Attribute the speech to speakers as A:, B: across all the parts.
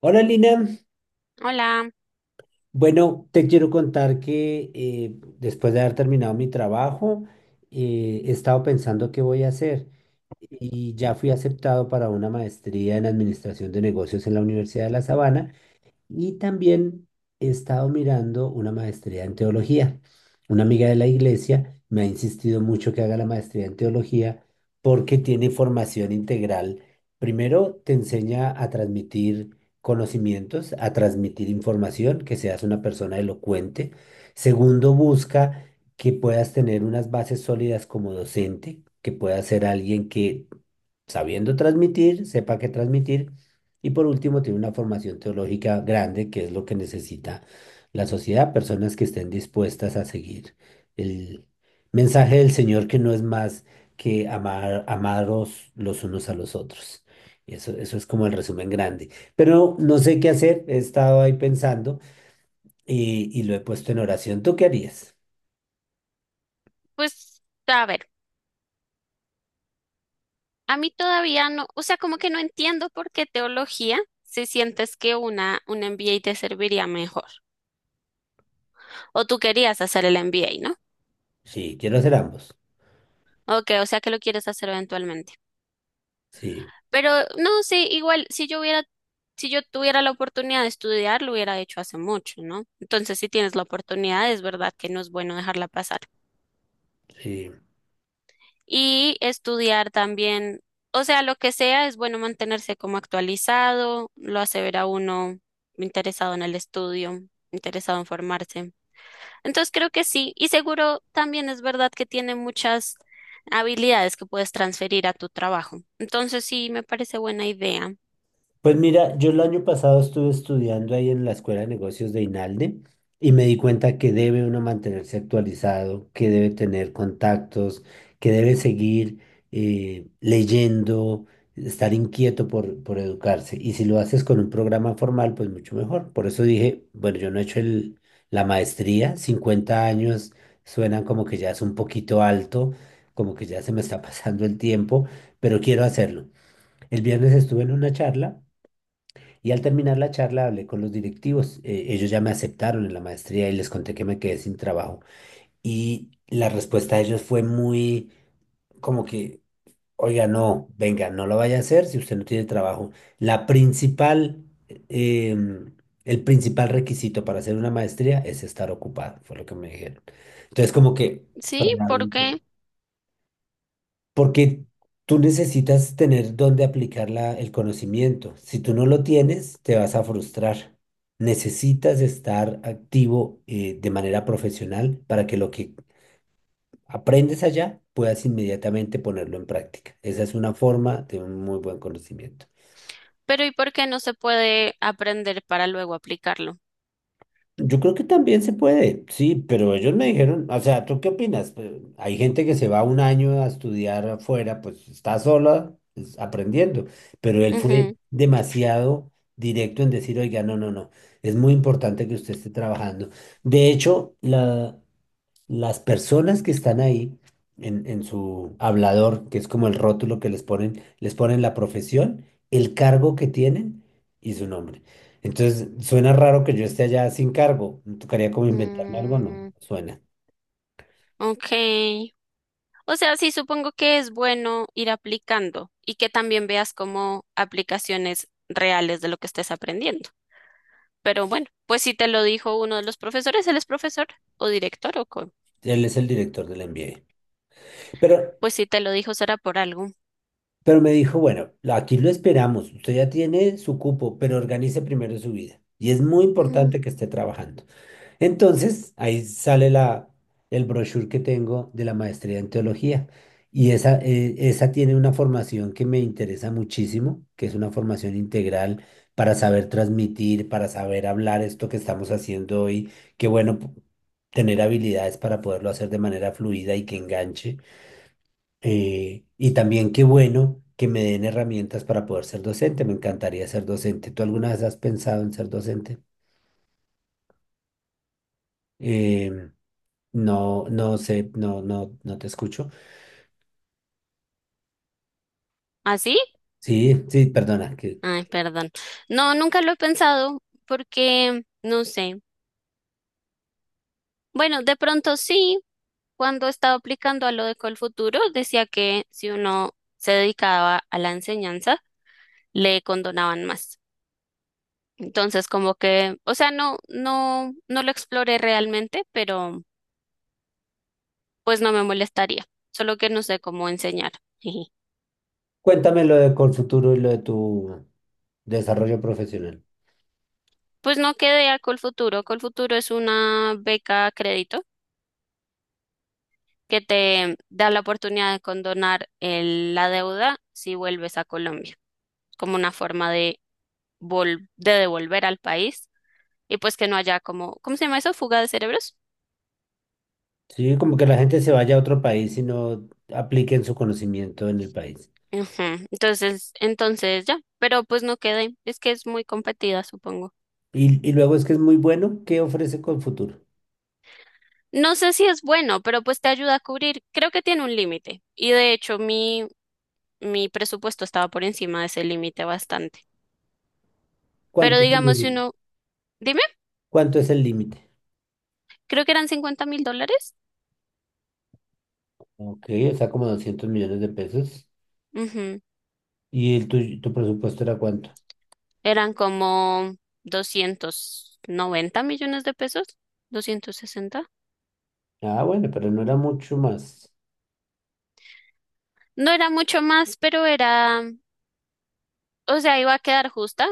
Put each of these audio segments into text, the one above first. A: Hola Lina,
B: Hola,
A: bueno, te quiero contar que después de haber terminado mi trabajo, he estado pensando qué voy a hacer y ya fui aceptado para una maestría en administración de negocios en la Universidad de La Sabana. Y también he estado mirando una maestría en teología. Una amiga de la iglesia me ha insistido mucho que haga la maestría en teología porque tiene formación integral. Primero te enseña a transmitir conocimientos, a transmitir información, que seas una persona elocuente. Segundo, busca que puedas tener unas bases sólidas como docente, que puedas ser alguien que sabiendo transmitir, sepa qué transmitir. Y por último, tiene una formación teológica grande, que es lo que necesita la sociedad, personas que estén dispuestas a seguir el mensaje del Señor, que no es más que amar, amaros los unos a los otros. Y eso es como el resumen grande. Pero no sé qué hacer, he estado ahí pensando y lo he puesto en oración. ¿Tú qué harías?
B: pues a ver, a mí todavía no, o sea, como que no entiendo por qué teología si sientes que una un MBA te serviría mejor. O tú querías hacer el MBA, ¿no?
A: Sí, quiero hacer ambos.
B: Ok, o sea que lo quieres hacer eventualmente.
A: Sí,
B: Pero no, sí, igual si yo tuviera la oportunidad de estudiar, lo hubiera hecho hace mucho, ¿no? Entonces, si tienes la oportunidad, es verdad que no es bueno dejarla pasar.
A: sí.
B: Y estudiar también, o sea, lo que sea, es bueno mantenerse como actualizado, lo hace ver a uno interesado en el estudio, interesado en formarse. Entonces creo que sí, y seguro también es verdad que tiene muchas habilidades que puedes transferir a tu trabajo. Entonces sí, me parece buena idea.
A: Pues mira, yo el año pasado estuve estudiando ahí en la Escuela de Negocios de INALDE y me di cuenta que debe uno mantenerse actualizado, que debe tener contactos, que debe seguir leyendo, estar inquieto por educarse. Y si lo haces con un programa formal, pues mucho mejor. Por eso dije, bueno, yo no he hecho la maestría, 50 años suenan como que ya es un poquito alto, como que ya se me está pasando el tiempo, pero quiero hacerlo. El viernes estuve en una charla. Y al terminar la charla hablé con los directivos. Ellos ya me aceptaron en la maestría y les conté que me quedé sin trabajo. Y la respuesta de ellos fue muy como que, oiga, no, venga, no lo vaya a hacer si usted no tiene trabajo. La principal, em, el principal requisito para hacer una maestría es estar ocupado, fue lo que me dijeron. Entonces como que
B: Sí,
A: frenaron
B: ¿por
A: un poco.
B: qué?
A: Porque tú necesitas tener dónde aplicar el conocimiento. Si tú no lo tienes, te vas a frustrar. Necesitas estar activo de manera profesional para que lo que aprendes allá puedas inmediatamente ponerlo en práctica. Esa es una forma de un muy buen conocimiento.
B: Pero ¿y por qué no se puede aprender para luego aplicarlo?
A: Yo creo que también se puede, sí, pero ellos me dijeron, o sea, ¿tú qué opinas? Hay gente que se va un año a estudiar afuera, pues está sola pues, aprendiendo, pero él fue
B: Ujú.
A: demasiado directo en decir, oiga, no, no, no, es muy importante que usted esté trabajando. De hecho, las personas que están ahí en su hablador, que es como el rótulo que les ponen la profesión, el cargo que tienen y su nombre. Entonces, suena raro que yo esté allá sin cargo. ¿Me tocaría como inventarme algo? No,
B: Mm,
A: suena.
B: ok. O sea, sí, supongo que es bueno ir aplicando y que también veas como aplicaciones reales de lo que estés aprendiendo. Pero bueno, pues si te lo dijo uno de los profesores, él es profesor o director o con.
A: Él es el director del MBA. Pero,
B: Pues si te lo dijo será por algo.
A: pero me dijo, bueno, aquí lo esperamos. Usted ya tiene su cupo, pero organice primero su vida. Y es muy
B: Mm.
A: importante que esté trabajando. Entonces, ahí sale el brochure que tengo de la maestría en teología. Y esa, esa tiene una formación que me interesa muchísimo, que es una formación integral para saber transmitir, para saber hablar esto que estamos haciendo hoy. Qué bueno tener habilidades para poderlo hacer de manera fluida y que enganche. Y también qué bueno que me den herramientas para poder ser docente. Me encantaría ser docente. ¿Tú alguna vez has pensado en ser docente? Em, No, no sé, no, no, no te escucho.
B: ¿Así?
A: Sí, sí, perdona. Que...
B: Ay, perdón. No, nunca lo he pensado porque no sé. Bueno, de pronto sí, cuando estaba aplicando a lo de Colfuturo, decía que si uno se dedicaba a la enseñanza, le condonaban más. Entonces, como que, o sea, no lo exploré realmente, pero pues no me molestaría. Solo que no sé cómo enseñar. Jiji.
A: Cuéntame lo de Colfuturo y lo de tu desarrollo profesional.
B: Pues no quedé a Colfuturo. Colfuturo es una beca a crédito que te da la oportunidad de condonar la deuda si vuelves a Colombia, como una forma de, de devolver al país y pues que no haya como, ¿cómo se llama eso? Fuga de cerebros.
A: Sí, como que la gente se vaya a otro país y no apliquen su conocimiento en el país.
B: Ujú. Entonces ya, pero pues no quedé. Es que es muy competida, supongo.
A: Y luego es que es muy bueno. ¿Qué ofrece Colfuturo?
B: No sé si es bueno, pero pues te ayuda a cubrir. Creo que tiene un límite. Y de hecho, mi presupuesto estaba por encima de ese límite bastante. Pero
A: ¿Cuánto es el
B: digamos, si
A: límite?
B: uno, dime,
A: ¿Cuánto es el límite?
B: creo que eran $50.000.
A: Ok, o sea, como 200 millones de pesos.
B: Ujú.
A: ¿Y el tu presupuesto era cuánto?
B: Eran como 290.000.000 de pesos, 260.
A: Ah, bueno, pero no era mucho más
B: No era mucho más, pero era, o sea, iba a quedar justa.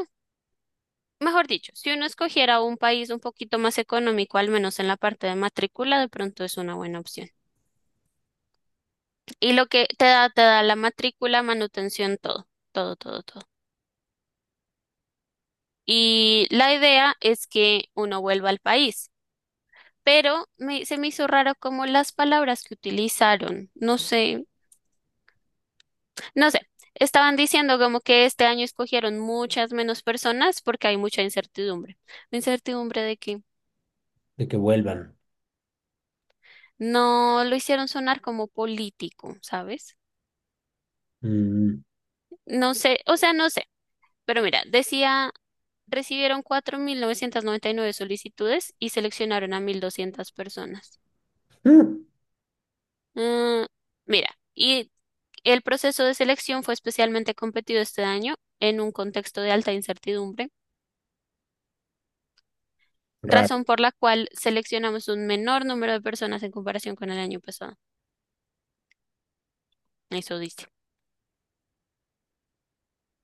B: Mejor dicho, si uno escogiera un país un poquito más económico, al menos en la parte de matrícula, de pronto es una buena opción. Y lo que te da la matrícula, manutención, todo, todo, todo, todo. Y la idea es que uno vuelva al país. Pero se me hizo raro como las palabras que utilizaron. No sé, no sé. Estaban diciendo como que este año escogieron muchas menos personas porque hay mucha incertidumbre. ¿Incertidumbre de que?
A: de que vuelvan.
B: No lo hicieron sonar como político, ¿sabes?
A: Mm,
B: No sé, o sea, no sé. Pero mira, decía: recibieron 4.999 solicitudes y seleccionaron a 1.200 personas.
A: mm,
B: Mm, mira, y el proceso de selección fue especialmente competido este año en un contexto de alta incertidumbre,
A: raro.
B: razón por la cual seleccionamos un menor número de personas en comparación con el año pasado. Eso dice.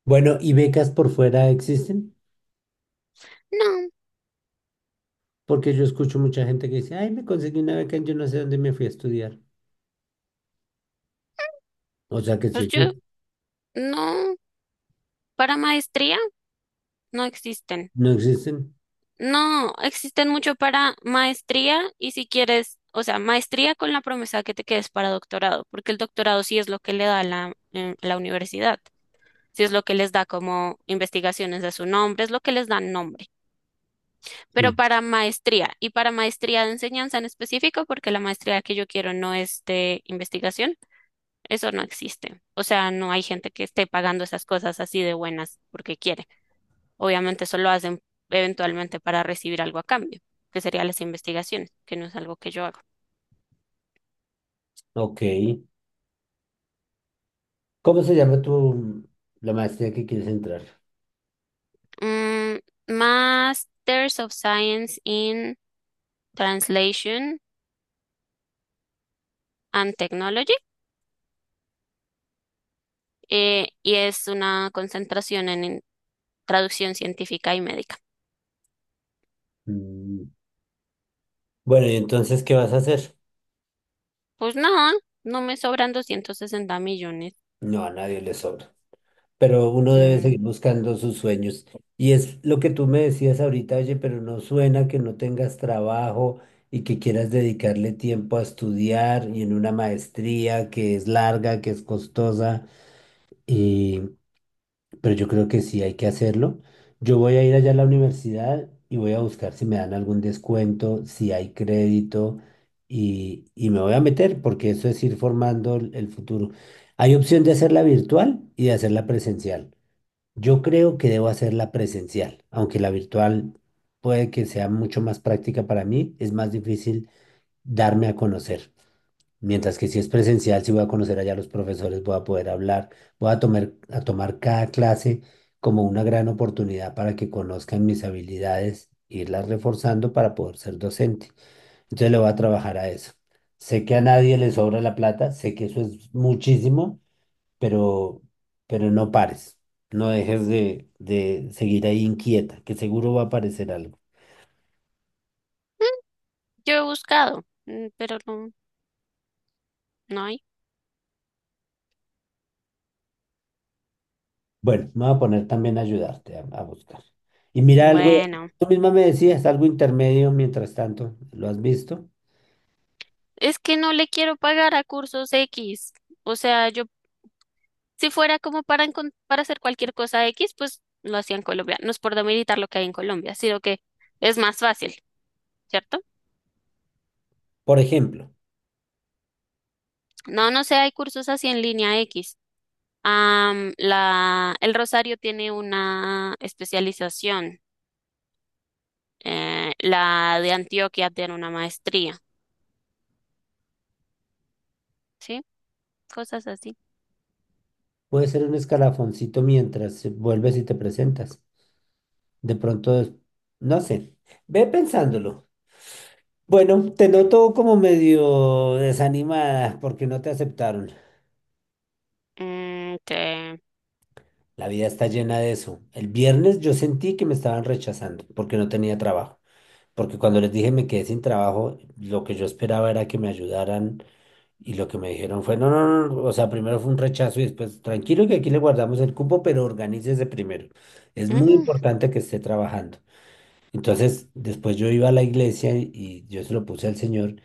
A: Bueno, ¿y becas por fuera existen?
B: No,
A: Porque yo escucho mucha gente que dice, ay, me conseguí una beca en yo no sé dónde me fui a estudiar. O sea que sí
B: pues yo
A: existen.
B: no, para maestría no existen.
A: ¿No existen?
B: No, existen mucho para maestría y si quieres, o sea, maestría con la promesa de que te quedes para doctorado, porque el doctorado sí es lo que le da la, la universidad, sí es lo que les da como investigaciones a su nombre, es lo que les da nombre,
A: Sí.
B: pero para maestría y para maestría de enseñanza en específico, porque la maestría que yo quiero no es de investigación, eso no existe. O sea, no hay gente que esté pagando esas cosas así de buenas porque quiere. Obviamente eso lo hacen eventualmente para recibir algo a cambio, que serían las investigaciones, que no es algo que yo hago.
A: Ok. ¿Cómo se llama la maestría que quieres entrar?
B: Mm. Masters of Science in Translation and Technology, y es una concentración en traducción científica y médica.
A: Mm, bueno, ¿y entonces qué vas a hacer?
B: Pues nada, no me sobran 260.000.000.
A: No, a nadie le sobra. Pero uno debe
B: Mm,
A: seguir buscando sus sueños. Y es lo que tú me decías ahorita, oye, pero no suena que no tengas trabajo y que quieras dedicarle tiempo a estudiar y en una maestría que es larga, que es costosa, y, pero yo creo que sí hay que hacerlo. Yo voy a ir allá a la universidad y voy a buscar si me dan algún descuento, si hay crédito. Y me voy a meter porque eso es ir formando el futuro. Hay opción de hacerla virtual y de hacerla presencial. Yo creo que debo hacerla presencial, aunque la virtual puede que sea mucho más práctica para mí, es más difícil darme a conocer. Mientras que si es presencial, si voy a conocer allá a los profesores, voy a poder hablar, voy a tomar cada clase como una gran oportunidad para que conozcan mis habilidades, irlas reforzando para poder ser docente. Entonces le voy a trabajar a eso. Sé que a nadie le sobra la plata, sé que eso es muchísimo, pero, pero no pares, no dejes de seguir ahí inquieta, que seguro va a aparecer algo.
B: yo he buscado, mm, pero no, no hay.
A: Bueno, me voy a poner también a ayudarte a buscar. Y mira algo,
B: Bueno,
A: tú misma me decías, algo intermedio mientras tanto, ¿lo has visto?
B: es que no le quiero pagar a cursos X. O sea, yo, si fuera como para, para hacer cualquier cosa X, pues lo hacía en Colombia. No es por demeritar lo que hay en Colombia, sino que es más fácil, ¿cierto?
A: Por ejemplo,
B: No, no sé, hay cursos así en línea X. Am, el Rosario tiene una especialización, la de Antioquia tiene una maestría, ¿sí? Cosas así.
A: puede ser un escalafoncito mientras vuelves y te presentas. De pronto, no sé, ve pensándolo. Bueno, te noto como medio desanimada porque no te aceptaron.
B: Mm, te,
A: La vida está llena de eso. El viernes yo sentí que me estaban rechazando porque no tenía trabajo. Porque cuando les dije me quedé sin trabajo, lo que yo esperaba era que me ayudaran y lo que me dijeron fue, no, no, no, no, o sea, primero fue un rechazo y después, tranquilo que aquí le guardamos el cupo, pero organícese primero. Es muy
B: ujú,
A: importante que esté trabajando. Entonces, después yo iba a la iglesia y yo se lo puse al Señor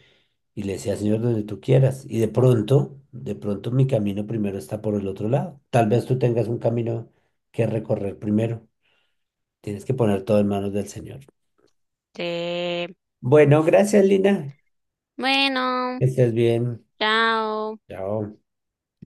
A: y le decía, Señor, donde tú quieras. Y de pronto mi camino primero está por el otro lado. Tal vez tú tengas un camino que recorrer primero. Tienes que poner todo en manos del Señor.
B: te,
A: Bueno, gracias, Lina.
B: bueno,
A: Que estés bien.
B: chao.
A: Chao.